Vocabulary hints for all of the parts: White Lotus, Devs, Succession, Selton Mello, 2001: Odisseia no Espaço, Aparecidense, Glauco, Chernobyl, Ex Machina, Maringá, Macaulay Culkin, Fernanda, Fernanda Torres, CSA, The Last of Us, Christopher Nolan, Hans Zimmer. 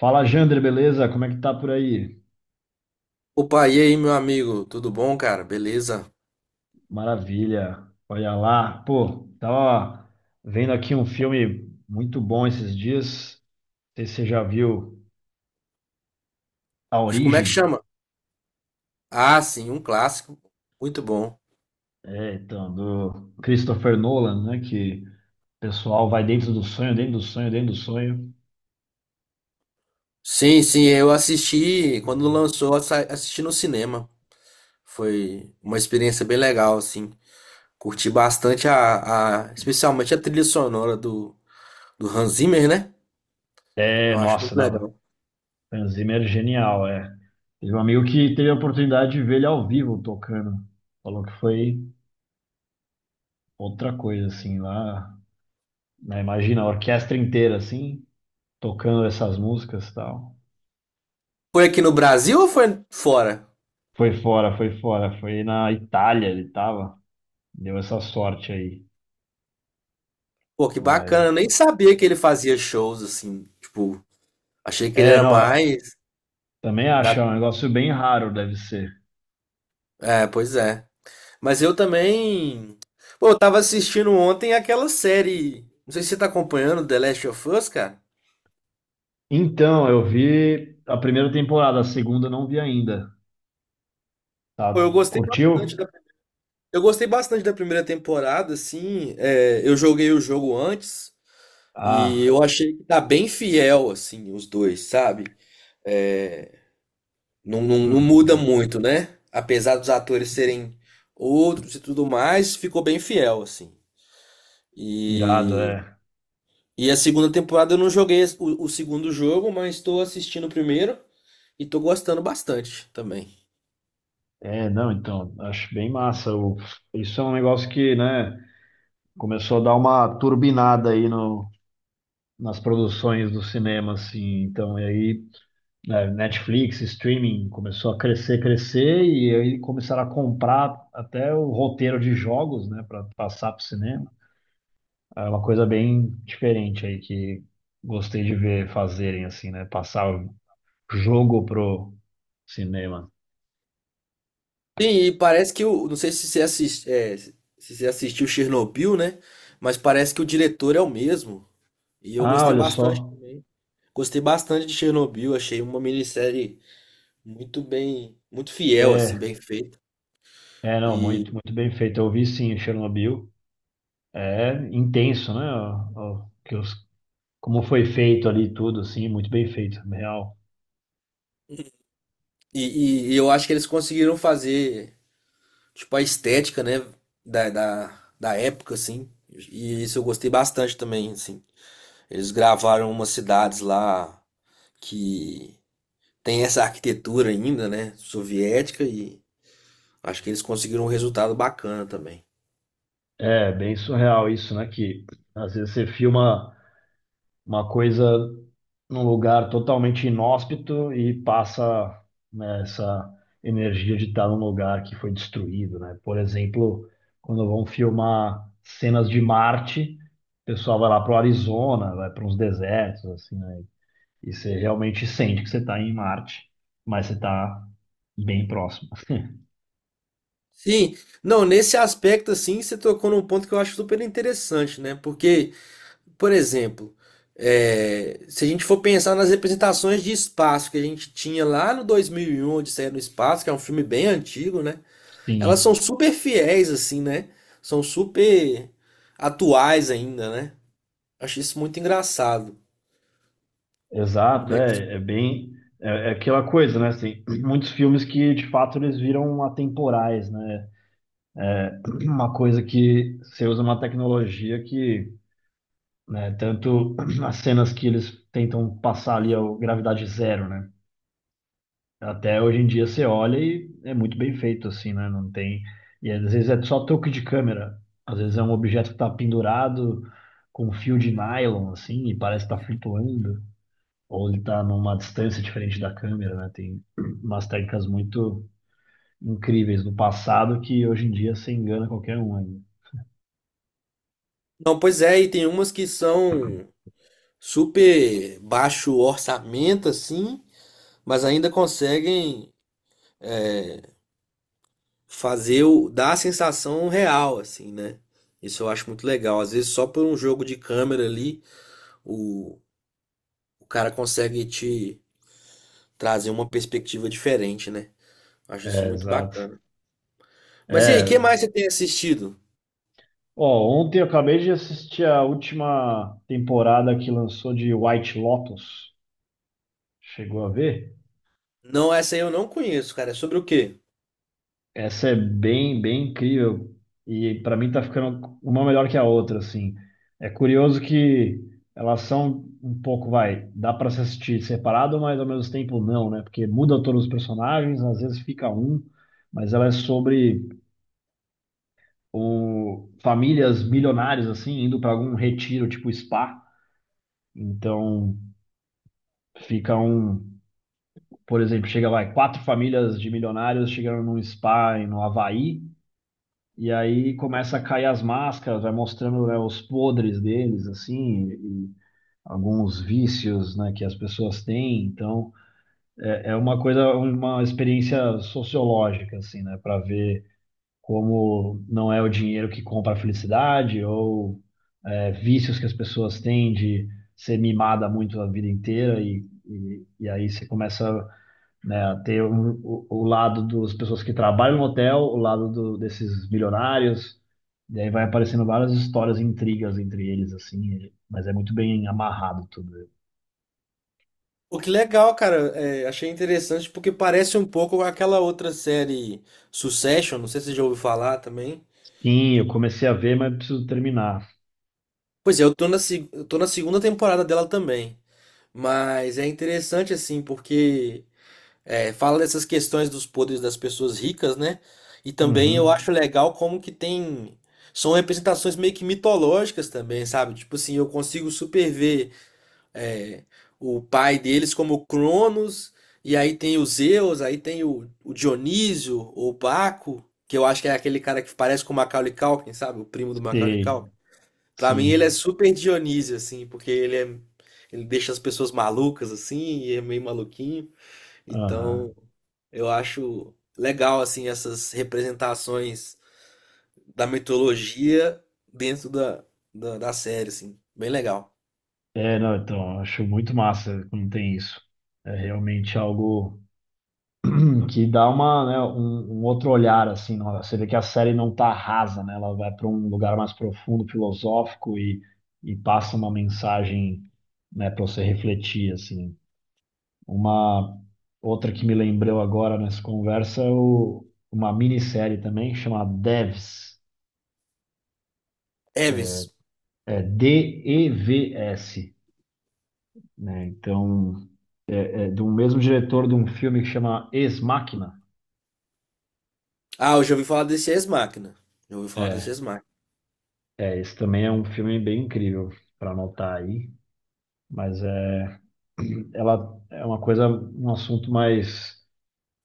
Fala, Jander, beleza? Como é que tá por aí? Opa, e aí, meu amigo? Tudo bom, cara? Beleza? Maravilha. Olha lá. Pô, tava vendo aqui um filme muito bom esses dias. Não sei se você já viu A Mas como é que Origem, chama? Ah, sim, um clássico. Muito bom. é, então, do Christopher Nolan, né? Que o pessoal vai dentro do sonho, dentro do sonho, dentro do sonho. Sim, eu assisti quando lançou, assisti no cinema. Foi uma experiência bem legal, assim. Curti bastante especialmente a trilha sonora do Hans Zimmer, né? É, Eu acho muito nossa, não. legal. Hans Zimmer é genial, é. Teve um amigo que teve a oportunidade de ver ele ao vivo tocando. Falou que foi outra coisa, assim, lá, né. Imagina, a orquestra inteira, assim, tocando essas músicas e tal. Foi aqui no Brasil ou foi fora? Foi fora, foi fora, foi na Itália ele tava, deu essa sorte aí, Pô, que bacana. mas Eu nem sabia que ele fazia shows, assim. Tipo, achei que ele é, era não, mais também acho, é da... um negócio bem raro, deve ser. É, pois é. Mas eu também. Pô, eu tava assistindo ontem aquela série. Não sei se você tá acompanhando The Last of Us, cara. Então, eu vi a primeira temporada, a segunda eu não vi ainda, Pô, tá? Curtiu? Eu gostei bastante da primeira temporada, assim. É, eu joguei o jogo antes e Ah, eu achei que tá bem fiel, assim, os dois, sabe? É, não, não, não hum, muda muito, né? Apesar dos atores serem outros e tudo mais, ficou bem fiel, assim. irado, E é. E a segunda temporada eu não joguei o segundo jogo, mas estou assistindo o primeiro e estou gostando bastante também. É, não, então, acho bem massa. Isso é um negócio que, né, começou a dar uma turbinada aí no, nas produções do cinema, assim, então, e aí é, Netflix, streaming começou a crescer, crescer, e aí começaram a comprar até o roteiro de jogos, né, para passar para o cinema. É uma coisa bem diferente aí que gostei de ver fazerem assim, né, passar o jogo pro cinema. Sim, e parece que o. Não sei se você assist, é, se você assistiu Chernobyl, né? Mas parece que o diretor é o mesmo. E eu Ah, gostei olha bastante só. também. Gostei bastante de Chernobyl, achei uma minissérie muito fiel, assim, É, bem feita. é não, muito, E, muito bem feito. Eu vi sim Chernobyl. É intenso, né? Como foi feito ali tudo, assim, muito bem feito, real. E eu acho que eles conseguiram fazer. Tipo, a estética, né? Da época, assim. E isso eu gostei bastante também, assim. Eles gravaram umas cidades lá que tem essa arquitetura ainda, né? Soviética, e acho que eles conseguiram um resultado bacana também. É bem surreal isso, né? Que às vezes você filma uma coisa num lugar totalmente inóspito e passa, né, essa energia de estar num lugar que foi destruído, né? Por exemplo, quando vão filmar cenas de Marte, o pessoal vai lá para o Arizona, vai para uns desertos, assim, né? E você realmente sente que você está em Marte, mas você está bem próximo. Sim, não, nesse aspecto, assim, você tocou num ponto que eu acho super interessante, né? Porque, por exemplo, se a gente for pensar nas representações de espaço que a gente tinha lá no 2001, Odisseia no Espaço, que é um filme bem antigo, né? Elas são Sim. super fiéis, assim, né? São super atuais ainda, né? Acho isso muito engraçado. Como Exato, é que... os- é bem. É aquela coisa, né? Assim, muitos filmes que de fato eles viram atemporais, né? Uma coisa que você usa uma tecnologia que, né, tanto as cenas que eles tentam passar ali a gravidade zero, né? Até hoje em dia você olha e é muito bem feito, assim, né? Não tem. E às vezes é só toque de câmera. Às vezes é um objeto que está pendurado com um fio de nylon, assim, e parece estar flutuando, ou ele está numa distância diferente da câmera, né? Tem umas técnicas muito incríveis do passado que hoje em dia você engana qualquer um ainda. Não, pois é, e tem umas que são super baixo orçamento, assim, mas ainda conseguem fazer o... dar a sensação real, assim, né? Isso eu acho muito legal. Às vezes, só por um jogo de câmera ali, o, o cara consegue te trazer uma perspectiva diferente, né? Acho isso É, muito exato. bacana. Mas e aí, o que É. mais você tem assistido? Ó, ontem eu acabei de assistir a última temporada que lançou de White Lotus. Chegou a ver? Não, essa aí eu não conheço, cara. É sobre o quê? Essa é bem, bem incrível e para mim tá ficando uma melhor que a outra, assim. É curioso que elas são um pouco, vai, dá para se assistir separado, mas ao mesmo tempo não, né? Porque muda todos os personagens, às vezes fica um, mas ela é sobre famílias milionárias assim indo para algum retiro, tipo spa. Então fica um, por exemplo, chega vai quatro famílias de milionários chegando num spa no Havaí. E aí começa a cair as máscaras, vai mostrando, né, os podres deles, assim, e alguns vícios, né, que as pessoas têm. Então, é uma coisa, uma experiência sociológica, assim, né, para ver como não é o dinheiro que compra a felicidade ou é, vícios que as pessoas têm de ser mimada muito a vida inteira e aí você começa, né, ter o lado das pessoas que trabalham no hotel, o lado desses milionários, e aí vai aparecendo várias histórias, intrigas entre eles, assim, mas é muito bem amarrado tudo. O que legal, cara. É, achei interessante porque parece um pouco aquela outra série Succession. Não sei se você já ouviu falar também. Sim, eu comecei a ver, mas preciso terminar. Pois é, eu tô na, se- eu tô na segunda temporada dela também. Mas é interessante, assim, porque fala dessas questões dos poderes das pessoas ricas, né? E também eu Uhum. acho legal como que tem. São representações meio que mitológicas também, sabe? Tipo assim, eu consigo superver é, o pai deles como Cronos, e aí tem o Zeus, aí tem o Dionísio, ou Baco, que eu acho que é aquele cara que parece com o Macaulay Culkin, sabe? O primo do Macaulay Sei, Culkin. Pra mim ele é sim. super Dionísio, assim, porque ele deixa as pessoas malucas, assim, e é meio maluquinho. Aham. Então eu acho legal, assim, essas representações da mitologia dentro da série, assim. Bem legal. É, não, então, acho muito massa quando tem isso. É realmente algo que dá uma, né, um outro olhar assim. Você vê que a série não tá rasa, né? Ela vai para um lugar mais profundo, filosófico e passa uma mensagem, né, para você refletir assim. Uma outra que me lembrou agora nessa conversa é uma minissérie também chamada Devs, Eves, é DEVS, né? Então, é do mesmo diretor de um filme que chama Ex Machina. ah, eu já ouvi falar desse Ex Machina. Já ouvi falar desse É, Ex Machina. é, esse também é um filme bem incrível para anotar aí. Mas é, ela é uma coisa, um assunto mais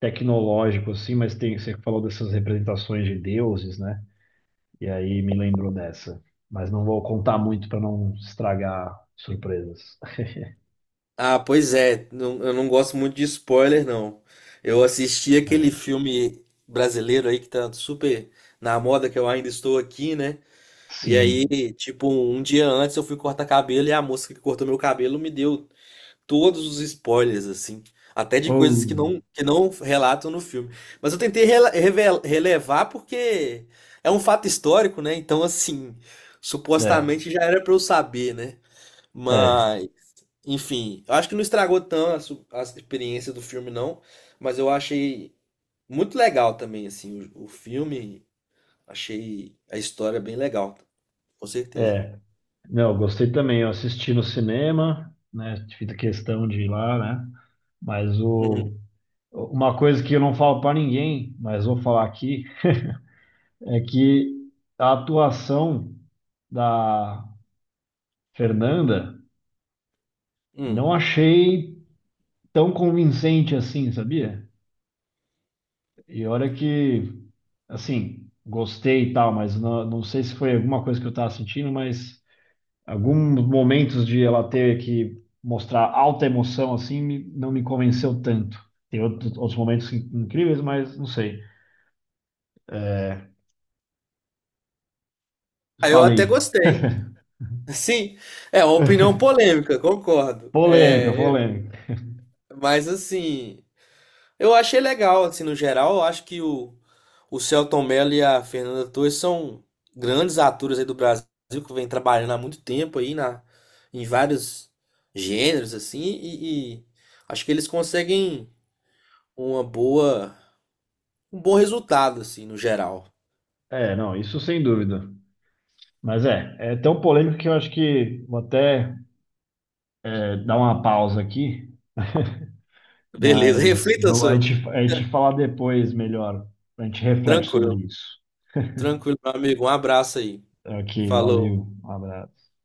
tecnológico, assim, mas tem, você falou dessas representações de deuses, né? E aí me lembrou dessa. Mas não vou contar muito para não estragar surpresas. Ah, pois é. Eu não gosto muito de spoiler, não. Eu assisti aquele filme brasileiro aí que tá super na moda, que eu ainda estou aqui, né? E Sim. aí, tipo, um dia antes eu fui cortar cabelo e a moça que cortou meu cabelo me deu todos os spoilers, assim. Até de coisas Ou, que não relatam no filme. Mas eu tentei relevar porque é um fato histórico, né? Então, assim, é, supostamente já era pra eu saber, né? é, Mas, enfim, eu acho que não estragou tão a experiência do filme, não. Mas eu achei muito legal também, assim, o filme. Achei a história bem legal, com certeza. é. Não, eu gostei também. Eu assisti no cinema, né? Fiz questão de ir lá, né? Mas o, Uhum. uma coisa que eu não falo para ninguém, mas vou falar aqui, é que a atuação da Fernanda, não Hum. achei tão convincente assim, sabia? E olha que, assim, gostei e tal, mas não, não sei se foi alguma coisa que eu tava sentindo, mas alguns momentos de ela ter que mostrar alta emoção assim não me convenceu tanto. Tem outros, momentos incríveis, mas não sei. É, Ah, eu até falei. gostei. Sim, é uma opinião polêmica, concordo. Polêmica, polêmica. Mas assim, eu achei legal, assim, no geral, eu acho que o Selton Mello e a Fernanda Torres são grandes atores aí do Brasil que vem trabalhando há muito tempo aí na, em vários gêneros, assim, e acho que eles conseguem uma boa, um bom resultado, assim, no geral. É, não, isso sem dúvida. Mas é, é tão polêmico que eu acho que vou até é, dar uma pausa aqui, Beleza, mas reflita vamos, a sobre. gente, a gente fala depois melhor. A gente reflete sobre Tranquilo, isso. tranquilo, meu amigo. Um abraço aí. Ok, Falou. valeu. Um abraço.